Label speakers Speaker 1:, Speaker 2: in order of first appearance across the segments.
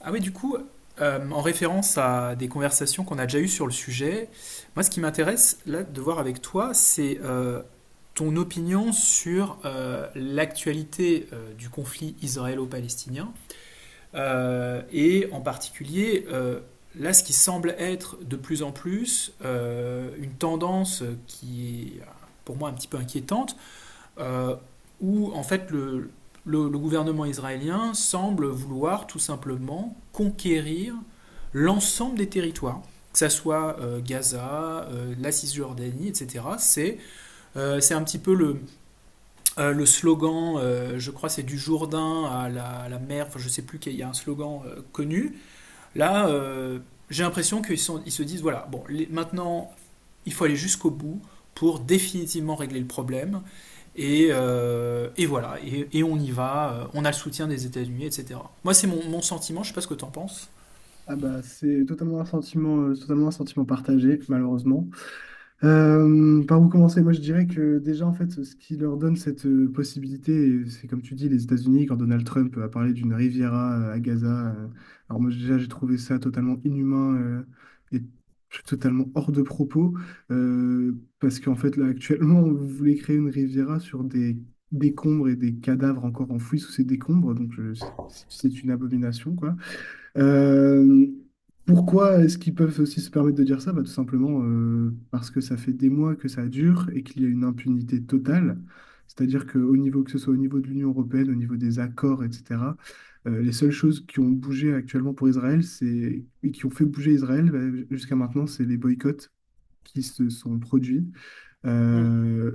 Speaker 1: Ah oui, du coup, en référence à des conversations qu'on a déjà eues sur le sujet, moi ce qui m'intéresse là de voir avec toi, c'est ton opinion sur l'actualité du conflit israélo-palestinien et en particulier là ce qui semble être de plus en plus une tendance qui est pour moi un petit peu inquiétante, euh, où en fait le gouvernement israélien semble vouloir tout simplement conquérir l'ensemble des territoires, que ça soit Gaza, la Cisjordanie, etc. C'est un petit peu le le slogan, je crois c'est du Jourdain à à la mer, enfin je sais plus qu'il y a un slogan connu. Là, j'ai l'impression qu'ils ils se disent voilà, bon, les, maintenant il faut aller jusqu'au bout pour définitivement régler le problème. Et voilà, et on y va. On a le soutien des États-Unis, etc. Moi, c'est mon sentiment, je sais pas ce que tu en penses.
Speaker 2: Ah bah, c'est totalement un sentiment partagé, malheureusement. Par où commencer? Moi, je dirais que déjà, en fait, ce qui leur donne cette possibilité, et c'est comme tu dis, les États-Unis, quand Donald Trump a parlé d'une Riviera à Gaza. euh, alors moi, déjà, j'ai trouvé ça totalement inhumain et totalement hors de propos, parce qu'en fait, là, actuellement, vous voulez créer une Riviera sur des décombres et des cadavres encore enfouis sous ces décombres, donc c'est une abomination, euh, pourquoi est-ce qu'ils peuvent aussi se permettre de dire ça? Bah, tout simplement parce que ça fait des mois que ça dure et qu'il y a une impunité totale. C'est-à-dire que, au niveau, que ce soit au niveau de l'Union européenne, au niveau des accords, etc., les seules choses qui ont bougé actuellement pour Israël, c'est, et qui ont fait bouger Israël bah, jusqu'à maintenant, c'est les boycotts qui se sont produits.
Speaker 1: Mm.
Speaker 2: Euh,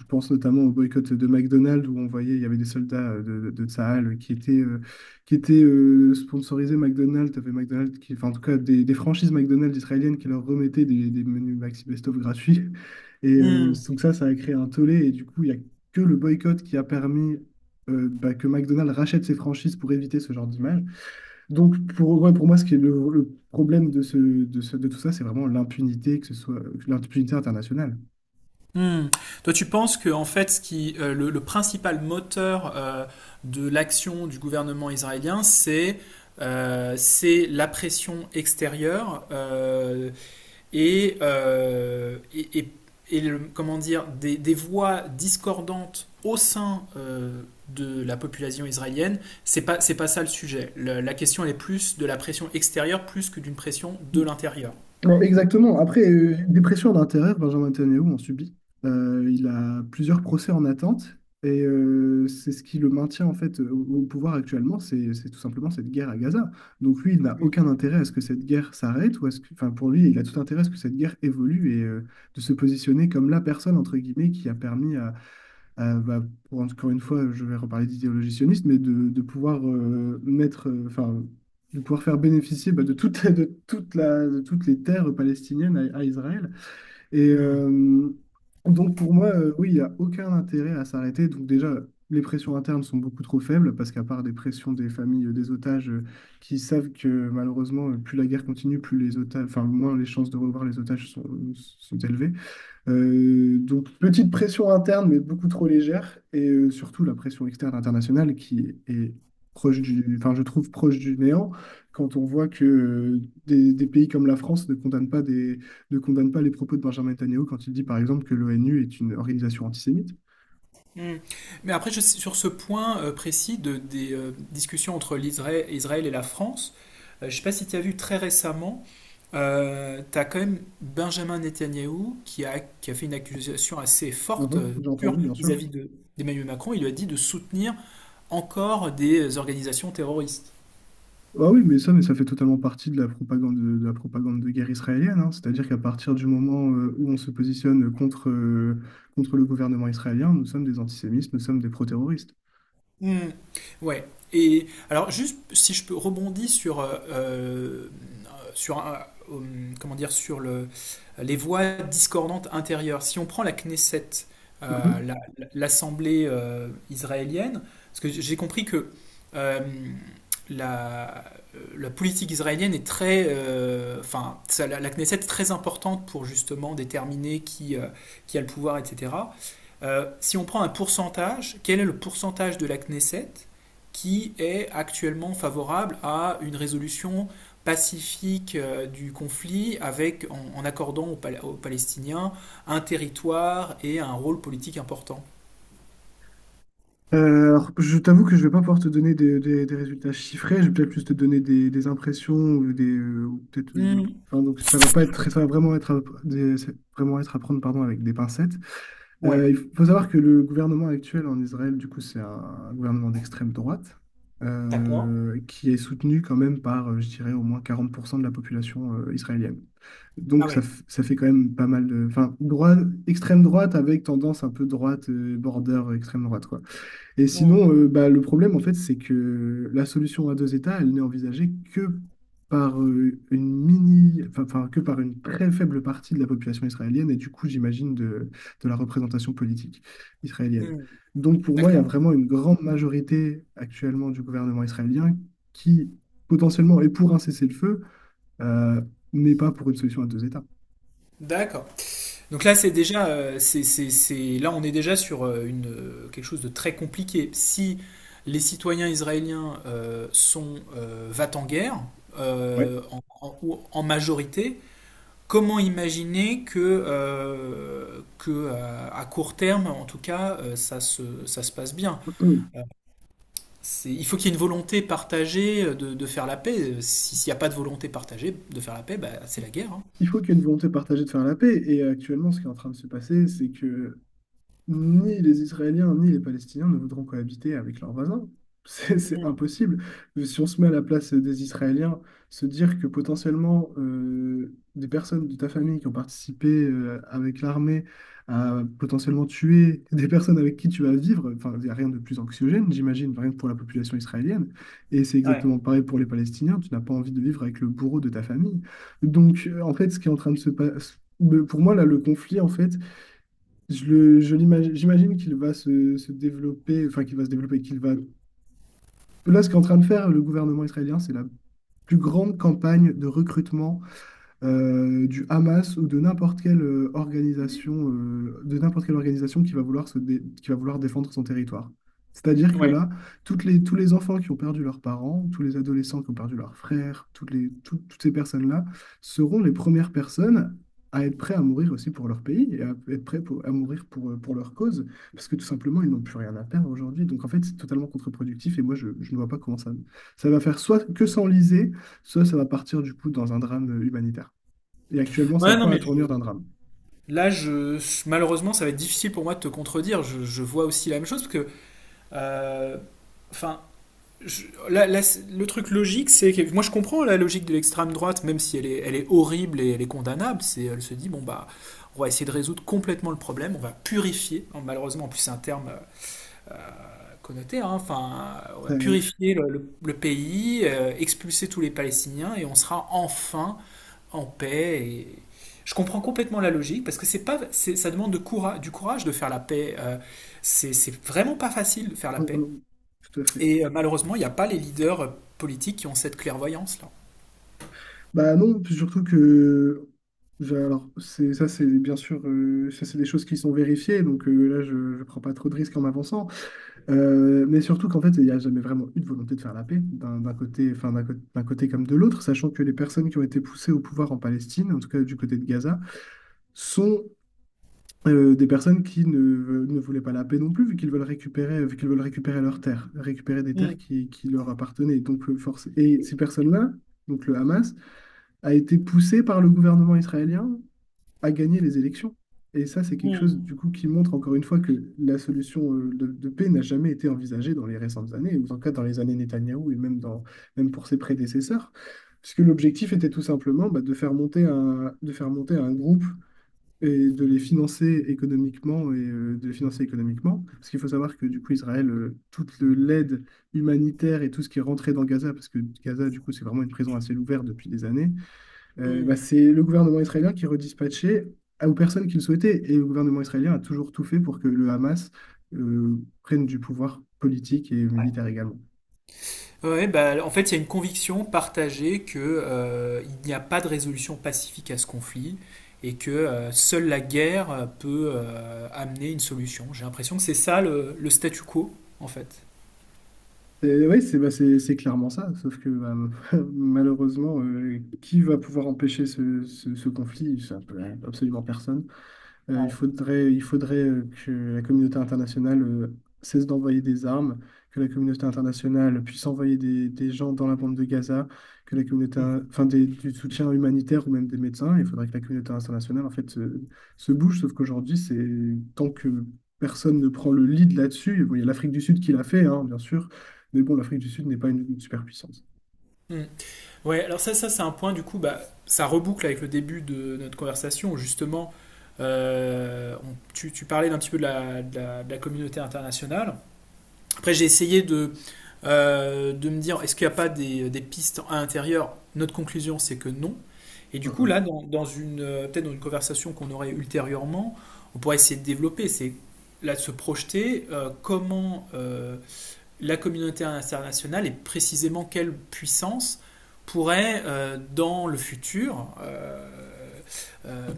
Speaker 2: je pense notamment au boycott de McDonald's où on voyait il y avait des soldats de Tsahal qui étaient sponsorisés McDonald's, t'avais McDonald's qui, enfin, en tout cas des franchises McDonald's israéliennes qui leur remettaient des menus Maxi Best-of gratuits. Et
Speaker 1: Mm.
Speaker 2: donc ça a créé un tollé et du coup, il n'y a que le boycott qui a permis que McDonald's rachète ses franchises pour éviter ce genre d'image. Donc, pour, ouais, pour moi, ce qui est le problème de tout ça, c'est vraiment l'impunité, que ce soit l'impunité internationale.
Speaker 1: Mm. Toi, tu penses que en fait, le principal moteur de l'action du gouvernement israélien, c'est la pression extérieure et des voix discordantes au sein de la population israélienne, c'est pas ça le sujet. La question elle est plus de la pression extérieure plus que d'une pression de l'intérieur.
Speaker 2: Ouais, exactement. Après, des pressions à Benjamin Netanyahu en subit. Il a plusieurs procès en attente et c'est ce qui le maintient en fait au pouvoir actuellement, c'est tout simplement cette guerre à Gaza. Donc lui, il n'a aucun intérêt à ce que cette guerre s'arrête ou à ce que, enfin pour lui, il a tout intérêt à ce que cette guerre évolue et de se positionner comme la personne entre guillemets qui a permis euh, bah, pour encore une fois, je vais reparler d'idéologie sioniste, mais de pouvoir mettre, enfin, de pouvoir faire bénéficier bah, de toute, de toute la, de toutes les terres palestiniennes à Israël. Et
Speaker 1: Mm.
Speaker 2: donc pour moi, oui, il n'y a aucun intérêt à s'arrêter. Donc déjà, les pressions internes sont beaucoup trop faibles parce qu'à part des pressions des familles des otages qui savent que malheureusement, plus la guerre continue, plus les otages, enfin, moins les chances de revoir les otages sont élevées. Donc, petite pression interne, mais beaucoup trop légère. Et surtout, la pression externe internationale qui est proche du, enfin, je trouve proche du néant quand on voit que des pays comme la France ne condamnent pas ne condamnent pas les propos de Benjamin Netanyahu quand il dit, par exemple, que l'ONU est une organisation antisémite.
Speaker 1: Hmm. Mais après, sur ce point précis de, des discussions entre l'Israël Israël et la France, je ne sais pas si tu as vu très récemment, tu as quand même Benjamin Netanyahou qui a fait une accusation assez forte
Speaker 2: Mhm, j'ai
Speaker 1: dure
Speaker 2: entendu, bien sûr.
Speaker 1: vis-à-vis de, d'Emmanuel Macron. Il lui a dit de soutenir encore des organisations terroristes.
Speaker 2: Ah oui, mais ça fait totalement partie de la propagande de, la propagande de guerre israélienne, hein. C'est-à-dire qu'à partir du moment où on se positionne contre, contre le gouvernement israélien, nous sommes des antisémites, nous sommes des pro-terroristes.
Speaker 1: Hmm. Ouais. Et alors, juste si je peux rebondir sur, sur sur le, les voix discordantes intérieures. Si on prend la Knesset, l'Assemblée israélienne, parce que j'ai compris que euh, la, la politique israélienne est enfin, la, la Knesset est très importante pour justement déterminer qui a le pouvoir, etc. Si on prend un pourcentage, quel est le pourcentage de la Knesset qui est actuellement favorable à une résolution pacifique du conflit avec, en, en accordant aux Palestiniens un territoire et un rôle politique important.
Speaker 2: Alors, je t'avoue que je vais pas pouvoir te donner des résultats chiffrés. Je vais peut-être plus te donner des impressions ou des, ou peut-être,
Speaker 1: Mmh.
Speaker 2: enfin, donc, ça va pas être, ça va vraiment être, c'est vraiment être à prendre, pardon, avec des pincettes.
Speaker 1: Ouais.
Speaker 2: Il faut savoir que le gouvernement actuel en Israël, du coup, c'est un gouvernement d'extrême droite
Speaker 1: D'accord.
Speaker 2: qui est soutenu quand même par, je dirais, au moins 40% de la population israélienne.
Speaker 1: Ah
Speaker 2: Donc, ça,
Speaker 1: ouais.
Speaker 2: ça fait quand même pas mal de. Enfin, droite, extrême droite avec tendance un peu droite, border extrême droite, quoi. Et
Speaker 1: Mmh.
Speaker 2: sinon, bah, le problème, en fait, c'est que la solution à deux États, elle n'est envisagée que par une mini, enfin, que par une très faible partie de la population israélienne et du coup, j'imagine, de la représentation politique israélienne.
Speaker 1: Mmh.
Speaker 2: Donc, pour moi, il y a
Speaker 1: D'accord.
Speaker 2: vraiment une grande majorité actuellement du gouvernement israélien qui, potentiellement, est pour un cessez-le-feu, euh, mais pas pour une solution à deux États.
Speaker 1: D'accord. Donc là, c'est déjà, là, on est déjà sur quelque chose de très compliqué. Si les citoyens israéliens sont va-t-en-guerre
Speaker 2: Ouais.
Speaker 1: ou en majorité, comment imaginer que, à court terme, en tout cas, ça se passe bien? Il faut qu'il y ait une volonté partagée de faire la paix. S'il n'y a pas de volonté partagée de faire la paix, bah, c'est la guerre, hein.
Speaker 2: Il faut qu'il y ait une volonté partagée de faire la paix. Et actuellement, ce qui est en train de se passer, c'est que ni les Israéliens ni les Palestiniens ne voudront cohabiter avec leurs voisins. C'est impossible. Si on se met à la place des Israéliens, se dire que potentiellement des personnes de ta famille qui ont participé avec l'armée à potentiellement tuer des personnes avec qui tu vas vivre, enfin, il n'y a rien de plus anxiogène, j'imagine, rien que pour la population israélienne. Et c'est
Speaker 1: Ouais,
Speaker 2: exactement pareil pour les Palestiniens. Tu n'as pas envie de vivre avec le bourreau de ta famille. Donc, en fait, ce qui est en train de se passer, pour moi, là, le conflit, en fait, je l'imagine, j'imagine qu'il va se développer, enfin qu'il va se développer, qu'il va. Là, ce qu'est en train de faire le gouvernement israélien, c'est la plus grande campagne de recrutement du Hamas ou de n'importe quelle organisation, de n'importe quelle organisation qui va vouloir qui va vouloir défendre son territoire. C'est-à-dire que
Speaker 1: ouais.
Speaker 2: là, toutes les, tous les enfants qui ont perdu leurs parents, tous les adolescents qui ont perdu leurs frères, toutes les, toutes ces personnes-là seront les premières personnes à être prêts à mourir aussi pour leur pays et à être prêts à mourir pour leur cause, parce que tout simplement, ils n'ont plus rien à perdre aujourd'hui. Donc en fait, c'est totalement contre-productif et moi, je ne vois pas comment ça, ça va faire soit que s'enliser, soit ça va partir du coup dans un drame humanitaire. Et actuellement, ça
Speaker 1: Ouais, non,
Speaker 2: prend la
Speaker 1: mais
Speaker 2: tournure d'un drame.
Speaker 1: Là, je, malheureusement, ça va être difficile pour moi de te contredire. Je vois aussi la même chose parce que, euh, enfin, là, le truc logique, c'est que moi, je comprends la logique de l'extrême droite, même si elle est horrible et elle est condamnable. C'est, elle se dit, bon bah, on va essayer de résoudre complètement le problème, on va purifier. Hein. Malheureusement, en plus, c'est un terme connoté, hein. Enfin, on va
Speaker 2: Ça-
Speaker 1: purifier le pays, expulser tous les Palestiniens et on sera enfin en paix. Et... Je comprends complètement la logique parce que c'est pas, c'est- ça demande de du courage de faire la paix. C'est vraiment pas facile de faire la
Speaker 2: non,
Speaker 1: paix.
Speaker 2: non, tout à fait.
Speaker 1: Et malheureusement, il n'y a pas les leaders politiques qui ont cette clairvoyance-là.
Speaker 2: Bah non, puis surtout que, alors, c'est, ça, c'est bien sûr, ça, c'est des choses qui sont vérifiées, donc là, je ne prends pas trop de risques en m'avançant. Mais surtout qu'en fait, il n'y a jamais vraiment eu de volonté de faire la paix, d'un côté, enfin, d'un côté comme de l'autre, sachant que les personnes qui ont été poussées au pouvoir en Palestine, en tout cas du côté de Gaza, sont des personnes qui ne, ne voulaient pas la paix non plus, vu qu'ils veulent récupérer, vu qu'ils veulent récupérer leurs terres, récupérer des terres
Speaker 1: Mm,
Speaker 2: qui leur appartenaient. Donc, force... Et ces personnes-là, donc le Hamas, a été poussé par le gouvernement israélien à gagner les élections. Et ça, c'est quelque chose, du coup, qui montre encore une fois que la solution de paix n'a jamais été envisagée dans les récentes années, ou en tout cas dans les années Netanyahou et même, dans, même pour ses prédécesseurs, puisque l'objectif était tout simplement bah, de faire monter un, de faire monter un groupe et de les financer économiquement et de les financer économiquement. Parce qu'il faut savoir que du coup, Israël, toute l'aide humanitaire et tout ce qui est rentré dans Gaza, parce que Gaza, du coup, c'est vraiment une prison à ciel ouvert depuis des années, bah,
Speaker 1: mm.
Speaker 2: c'est le gouvernement israélien qui redispatchait aux personnes qui le souhaitaient. Et le gouvernement israélien a toujours tout fait pour que le Hamas euh, prenne du pouvoir politique et
Speaker 1: Ouais,
Speaker 2: militaire également.
Speaker 1: Ouais, bah, en fait, il y a une conviction partagée que, il n'y a pas de résolution pacifique à ce conflit et que seule la guerre peut amener une solution. J'ai l'impression que c'est ça le statu quo, en fait.
Speaker 2: Oui, c'est bah, c'est clairement ça, sauf que bah, malheureusement, qui va pouvoir empêcher ce, ce conflit? Ça peut- absolument personne.
Speaker 1: Ouais.
Speaker 2: Il faudrait que la communauté internationale cesse d'envoyer des armes, que la communauté internationale puisse envoyer des gens dans la bande de Gaza, que la communauté,
Speaker 1: Mm.
Speaker 2: enfin du soutien humanitaire ou même des médecins. Il faudrait que la communauté internationale en fait se bouge. Sauf qu'aujourd'hui, c'est tant que personne ne prend le lead là-dessus. Bon, il y a l'Afrique du Sud qui l'a fait, hein, bien sûr. Mais bon, l'Afrique du Sud n'est pas une superpuissance.
Speaker 1: Mm. Ouais, alors ça c'est un point du coup, bah, ça reboucle avec le début de notre conversation où justement, tu, tu parlais d'un petit peu de de la communauté internationale. Après, j'ai essayé de me dire, est-ce qu'il n'y a pas des, des pistes à l'intérieur. Notre conclusion, c'est que non. Et
Speaker 2: Ah,
Speaker 1: du coup,
Speaker 2: ah.
Speaker 1: là, dans une, peut-être dans une conversation qu'on aurait ultérieurement, on pourrait essayer de développer, c'est là de se projeter, la communauté internationale et précisément quelle puissance pourrait, dans le futur, euh,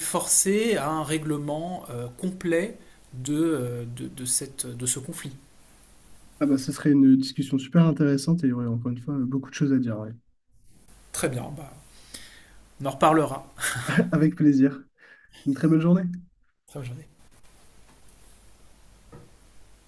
Speaker 1: forcer à un règlement complet de, de ce conflit.
Speaker 2: Ah bah, ce serait une discussion super intéressante et il y aurait encore une fois beaucoup de choses à dire, ouais.
Speaker 1: Très bien, bah, on en reparlera.
Speaker 2: Avec plaisir. Une très belle journée.
Speaker 1: Très bonne journée.